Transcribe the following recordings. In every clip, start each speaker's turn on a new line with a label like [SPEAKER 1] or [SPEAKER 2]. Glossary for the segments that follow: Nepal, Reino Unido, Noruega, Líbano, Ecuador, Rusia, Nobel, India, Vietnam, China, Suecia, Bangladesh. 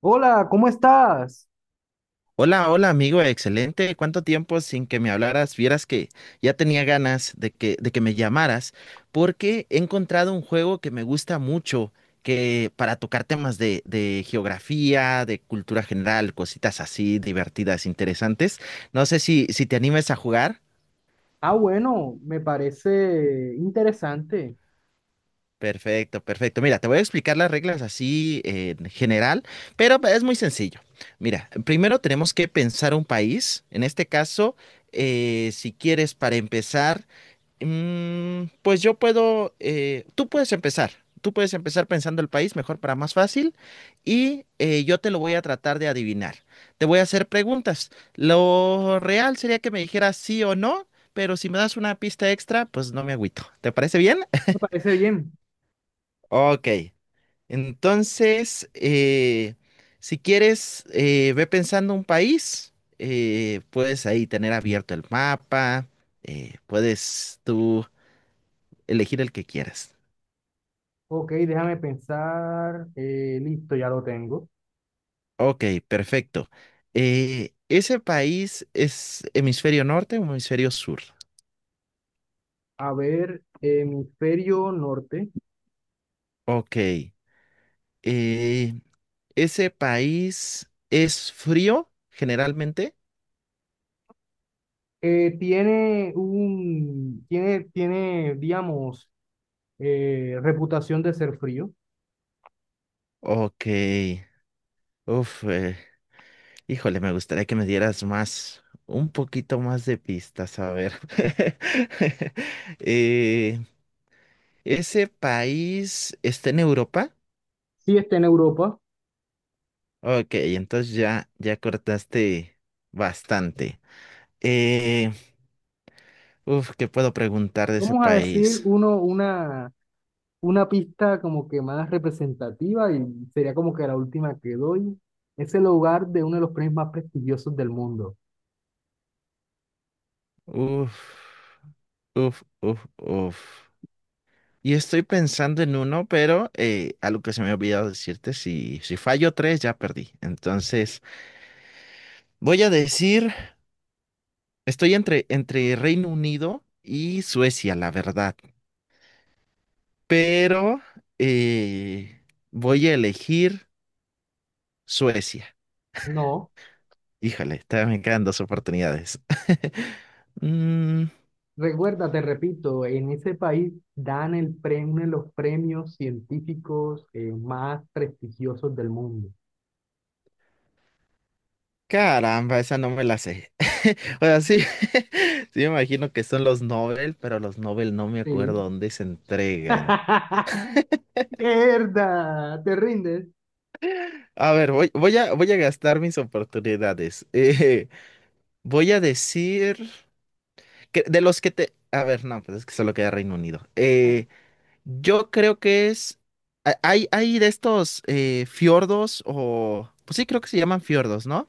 [SPEAKER 1] Hola, ¿cómo estás?
[SPEAKER 2] Hola, hola amigo, excelente. ¿Cuánto tiempo sin que me hablaras? Vieras que ya tenía ganas de que me llamaras porque he encontrado un juego que me gusta mucho que para tocar temas de geografía, de cultura general, cositas así divertidas, interesantes. No sé si te animes a jugar.
[SPEAKER 1] Ah, bueno, me parece interesante.
[SPEAKER 2] Perfecto, perfecto. Mira, te voy a explicar las reglas así en general, pero es muy sencillo. Mira, primero tenemos que pensar un país. En este caso, si quieres para empezar, pues yo puedo, tú puedes empezar. Tú puedes empezar pensando el país mejor para más fácil y yo te lo voy a tratar de adivinar. Te voy a hacer preguntas. Lo real sería que me dijeras sí o no, pero si me das una pista extra, pues no me agüito. ¿Te parece bien?
[SPEAKER 1] Me parece bien.
[SPEAKER 2] Ok, entonces, si quieres, ve pensando un país, puedes ahí tener abierto el mapa, puedes tú elegir el que quieras.
[SPEAKER 1] Ok, déjame pensar. Listo, ya lo tengo.
[SPEAKER 2] Ok, perfecto. ¿Ese país es hemisferio norte o hemisferio sur?
[SPEAKER 1] A ver, hemisferio norte.
[SPEAKER 2] Ok. eh, ¿Ese país es frío generalmente?
[SPEAKER 1] Tiene, digamos, reputación de ser frío.
[SPEAKER 2] Ok. Uf, híjole, me gustaría que me dieras más, un poquito más de pistas, a ver. Eh, ¿ese país está en Europa?
[SPEAKER 1] Sí, está en Europa.
[SPEAKER 2] Ok, entonces ya, ya cortaste bastante. Eh, uf, ¿qué puedo preguntar de ese
[SPEAKER 1] Vamos a decir
[SPEAKER 2] país?
[SPEAKER 1] uno, una pista como que más representativa y sería como que la última que doy. Es el hogar de uno de los premios más prestigiosos del mundo.
[SPEAKER 2] Uf, uf, uf, uf. Y estoy pensando en uno, pero algo que se me ha olvidado decirte, si, si fallo tres, ya perdí. Entonces, voy a decir... Estoy entre Reino Unido y Suecia, la verdad. Pero eh, voy a elegir Suecia.
[SPEAKER 1] No,
[SPEAKER 2] Híjole, todavía me quedan dos oportunidades. Mm,
[SPEAKER 1] recuerda, te repito, en ese país dan el premio, uno de los premios científicos más prestigiosos del mundo.
[SPEAKER 2] caramba, esa no me la sé. O sea, sí, sí me imagino que son los Nobel, pero los Nobel no me
[SPEAKER 1] Sí.
[SPEAKER 2] acuerdo dónde se entregan.
[SPEAKER 1] ¡Mierda! ¿Te rindes?
[SPEAKER 2] A ver, voy a gastar mis oportunidades. Voy a decir. Que- de los que te... A ver, no, pues es que solo queda Reino Unido.
[SPEAKER 1] Ay,
[SPEAKER 2] Yo creo que es... ha- Hay de estos fiordos o... Pues sí, creo que se llaman fiordos, ¿no?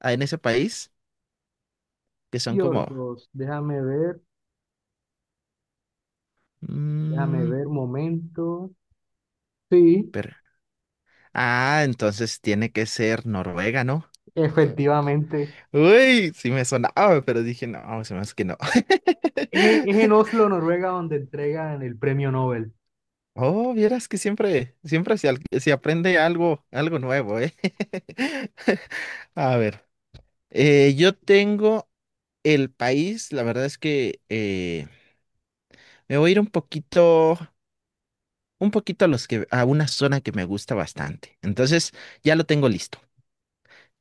[SPEAKER 2] Ah, en ese país, que son como...
[SPEAKER 1] fiordos, déjame
[SPEAKER 2] mm,
[SPEAKER 1] ver, momento. Sí,
[SPEAKER 2] pero... Ah, entonces tiene que ser Noruega, ¿no?
[SPEAKER 1] efectivamente.
[SPEAKER 2] Uy, sí me sonaba, pero dije, no, se me hace que no.
[SPEAKER 1] Es en Oslo, Noruega, donde entregan el premio Nobel.
[SPEAKER 2] Oh, vieras que siempre, siempre se, al- se aprende algo, algo nuevo, ¿eh? A ver, yo tengo el país, la verdad es que me voy a ir un poquito a los que, a una zona que me gusta bastante. Entonces, ya lo tengo listo.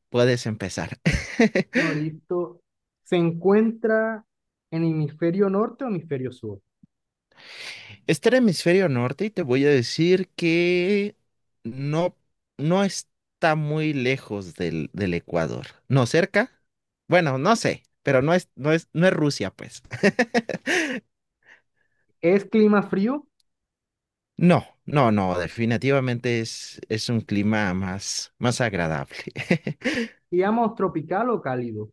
[SPEAKER 2] Puedes empezar.
[SPEAKER 1] No, listo. ¿Se encuentra en hemisferio norte o hemisferio sur?
[SPEAKER 2] Está el hemisferio norte y te voy a decir que no, no está muy lejos del Ecuador. No cerca. Bueno, no sé, pero no es Rusia, pues.
[SPEAKER 1] ¿Es clima frío?
[SPEAKER 2] No, no, no, definitivamente es un clima más, más agradable.
[SPEAKER 1] Digamos, tropical o cálido.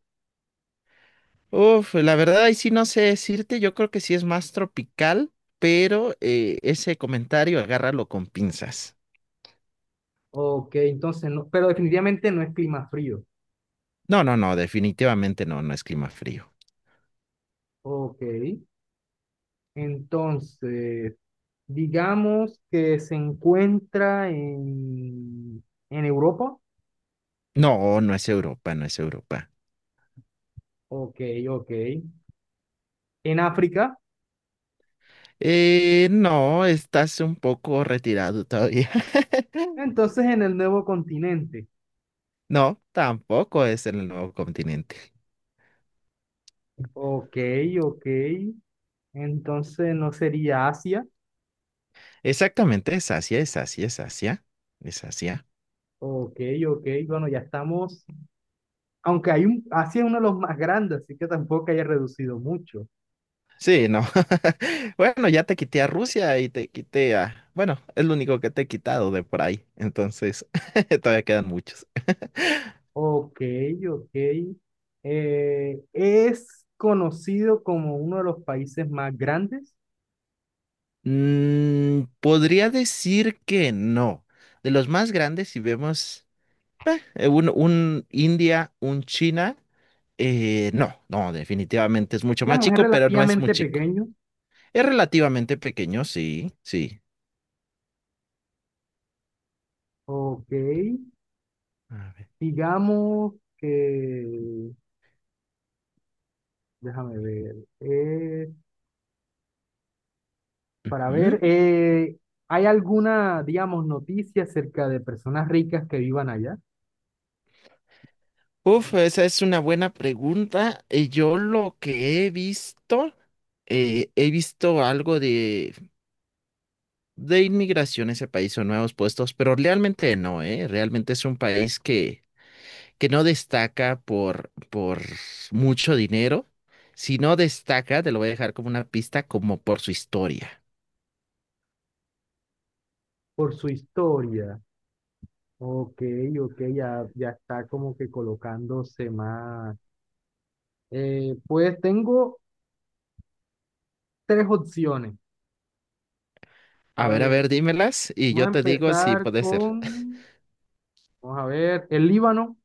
[SPEAKER 2] Uf, la verdad ahí sí no sé decirte, yo creo que sí es más tropical, pero ese comentario agárralo con pinzas.
[SPEAKER 1] Ok, entonces, no, pero definitivamente no es clima frío.
[SPEAKER 2] No, no, no, definitivamente no, no es clima frío.
[SPEAKER 1] Ok, entonces, digamos que se encuentra en Europa.
[SPEAKER 2] No, no es Europa, no es Europa.
[SPEAKER 1] Ok, ok. ¿En África?
[SPEAKER 2] No, estás un poco retirado todavía.
[SPEAKER 1] Entonces, en el nuevo continente.
[SPEAKER 2] No, tampoco es en el nuevo continente.
[SPEAKER 1] Ok, ok. Entonces no sería Asia.
[SPEAKER 2] Exactamente, es Asia, es Asia, es Asia, es Asia.
[SPEAKER 1] Ok, ok, bueno, ya estamos. Aunque hay un, Asia es uno de los más grandes, así que tampoco haya reducido mucho.
[SPEAKER 2] Sí, no. Bueno, ya te quité a Rusia y te quité a... Bueno, es lo único que te he quitado de por ahí. Entonces, todavía quedan muchos.
[SPEAKER 1] Ok, ok. Es conocido como uno de los países más grandes.
[SPEAKER 2] Mm, podría decir que no. De los más grandes, si vemos un India, un China, no, no, definitivamente es mucho más
[SPEAKER 1] Digamos, es
[SPEAKER 2] chico, pero no es muy
[SPEAKER 1] relativamente
[SPEAKER 2] chico.
[SPEAKER 1] pequeño.
[SPEAKER 2] Es relativamente pequeño, sí, sí.
[SPEAKER 1] Ok,
[SPEAKER 2] A ver.
[SPEAKER 1] digamos que, déjame ver, para ver, ¿hay alguna, digamos, noticia acerca de personas ricas que vivan allá?
[SPEAKER 2] Uf, esa es una buena pregunta. Yo lo que he visto algo de inmigración a ese país o nuevos puestos, pero realmente no, ¿eh? Realmente es un país que no destaca por mucho dinero. Si no destaca, te lo voy a dejar como una pista, como por su historia.
[SPEAKER 1] Por su historia. Ok, ok, ya, ya está como que colocándose más. Pues tengo tres opciones. A
[SPEAKER 2] A
[SPEAKER 1] ver,
[SPEAKER 2] ver, dímelas y yo
[SPEAKER 1] vamos a
[SPEAKER 2] te digo si
[SPEAKER 1] empezar
[SPEAKER 2] puede ser.
[SPEAKER 1] con, vamos a ver, el Líbano.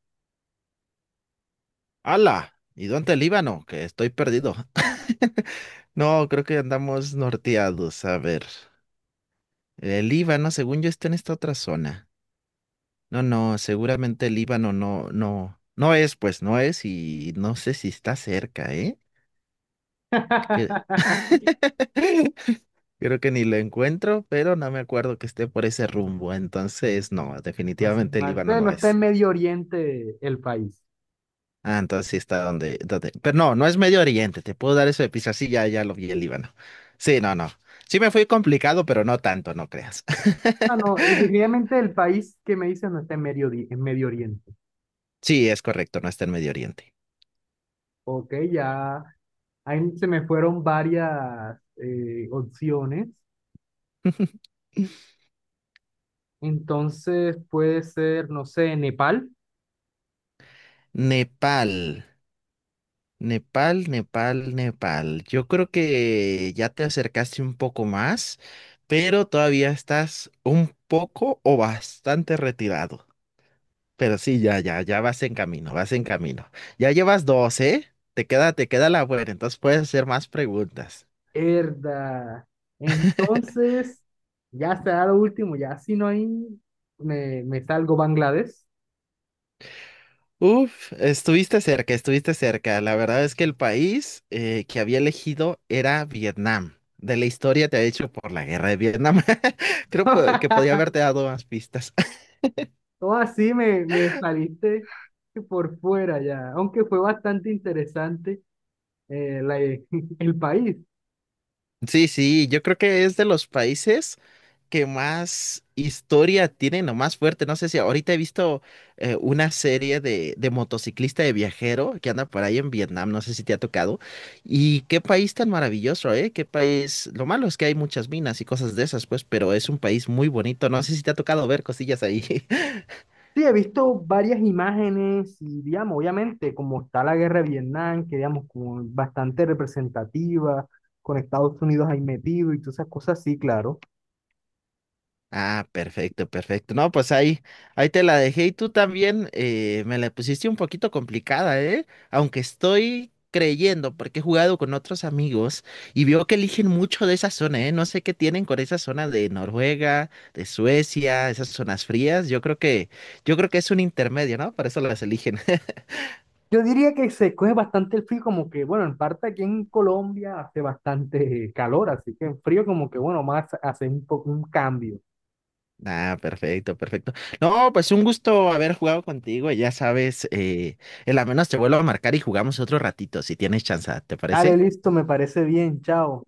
[SPEAKER 2] ¡Hala! ¿Y dónde el Líbano? Que estoy perdido. No, creo que andamos norteados. A ver. El Líbano, según yo, está en esta otra zona. No, no, seguramente el Líbano no, no, no es, pues no es, y no sé si está cerca, ¿eh? Que- creo que ni lo encuentro, pero no me acuerdo que esté por ese rumbo. Entonces, no,
[SPEAKER 1] Entonces,
[SPEAKER 2] definitivamente el
[SPEAKER 1] mal,
[SPEAKER 2] Líbano
[SPEAKER 1] pero
[SPEAKER 2] no
[SPEAKER 1] no está en
[SPEAKER 2] es.
[SPEAKER 1] Medio Oriente el país.
[SPEAKER 2] Ah, entonces sí está donde, donde. Pero no, no es Medio Oriente. Te puedo dar eso de pizza. Sí, ya, ya lo vi el Líbano. Sí, no, no. Sí me fui complicado, pero no tanto, no creas.
[SPEAKER 1] Ah, no, definitivamente el país que me dice no está en en Medio Oriente.
[SPEAKER 2] Sí, es correcto, no está en Medio Oriente.
[SPEAKER 1] Ok, ya ahí se me fueron varias opciones. Entonces puede ser, no sé, Nepal.
[SPEAKER 2] Nepal. Nepal, Nepal, Nepal. Yo creo que ya te acercaste un poco más, pero todavía estás un poco o bastante retirado. Pero sí, ya, ya, ya vas en camino, vas en camino. Ya llevas dos, ¿eh? Te queda la buena, entonces puedes hacer más preguntas.
[SPEAKER 1] Herda. Entonces, ya será lo último, ya si no hay, me salgo Bangladesh.
[SPEAKER 2] Uf, estuviste cerca, estuviste cerca. La verdad es que el país que había elegido era Vietnam. De la historia te ha hecho por la guerra de Vietnam. Creo po- que podía haberte dado más pistas.
[SPEAKER 1] Todo así me saliste por fuera ya, aunque fue bastante interesante eh, la- el país.
[SPEAKER 2] Sí, sí, yo creo que es de los países que más historia tienen o más fuerte. No sé si ahorita he visto una serie de motociclista de viajero que anda por ahí en Vietnam, no sé si te ha tocado. Y qué país tan maravilloso, ¿eh? Qué país. Lo malo es que hay muchas minas y cosas de esas, pues, pero es un país muy bonito. No sé si te ha tocado ver cosillas ahí.
[SPEAKER 1] Sí, he visto varias imágenes y, digamos, obviamente, como está la guerra de Vietnam, que, digamos, como bastante representativa, con Estados Unidos ahí metido y todas esas cosas, sí, claro.
[SPEAKER 2] Ah, perfecto, perfecto. No, pues ahí, ahí te la dejé y tú también me la pusiste un poquito complicada, ¿eh? Aunque estoy creyendo, porque he jugado con otros amigos y veo que eligen mucho de esa zona, ¿eh? No sé qué tienen con esa zona de Noruega, de Suecia, esas zonas frías. Yo creo que es un intermedio, ¿no? Por eso las eligen.
[SPEAKER 1] Yo diría que se coge bastante el frío, como que, bueno, en parte aquí en Colombia hace bastante calor, así que en frío como que, bueno, más hace un poco un cambio.
[SPEAKER 2] Ah, perfecto, perfecto. No, pues un gusto haber jugado contigo. Ya sabes, en la menos te vuelvo a marcar y jugamos otro ratito, si tienes chance, ¿te
[SPEAKER 1] Dale,
[SPEAKER 2] parece?
[SPEAKER 1] listo, me parece bien, chao.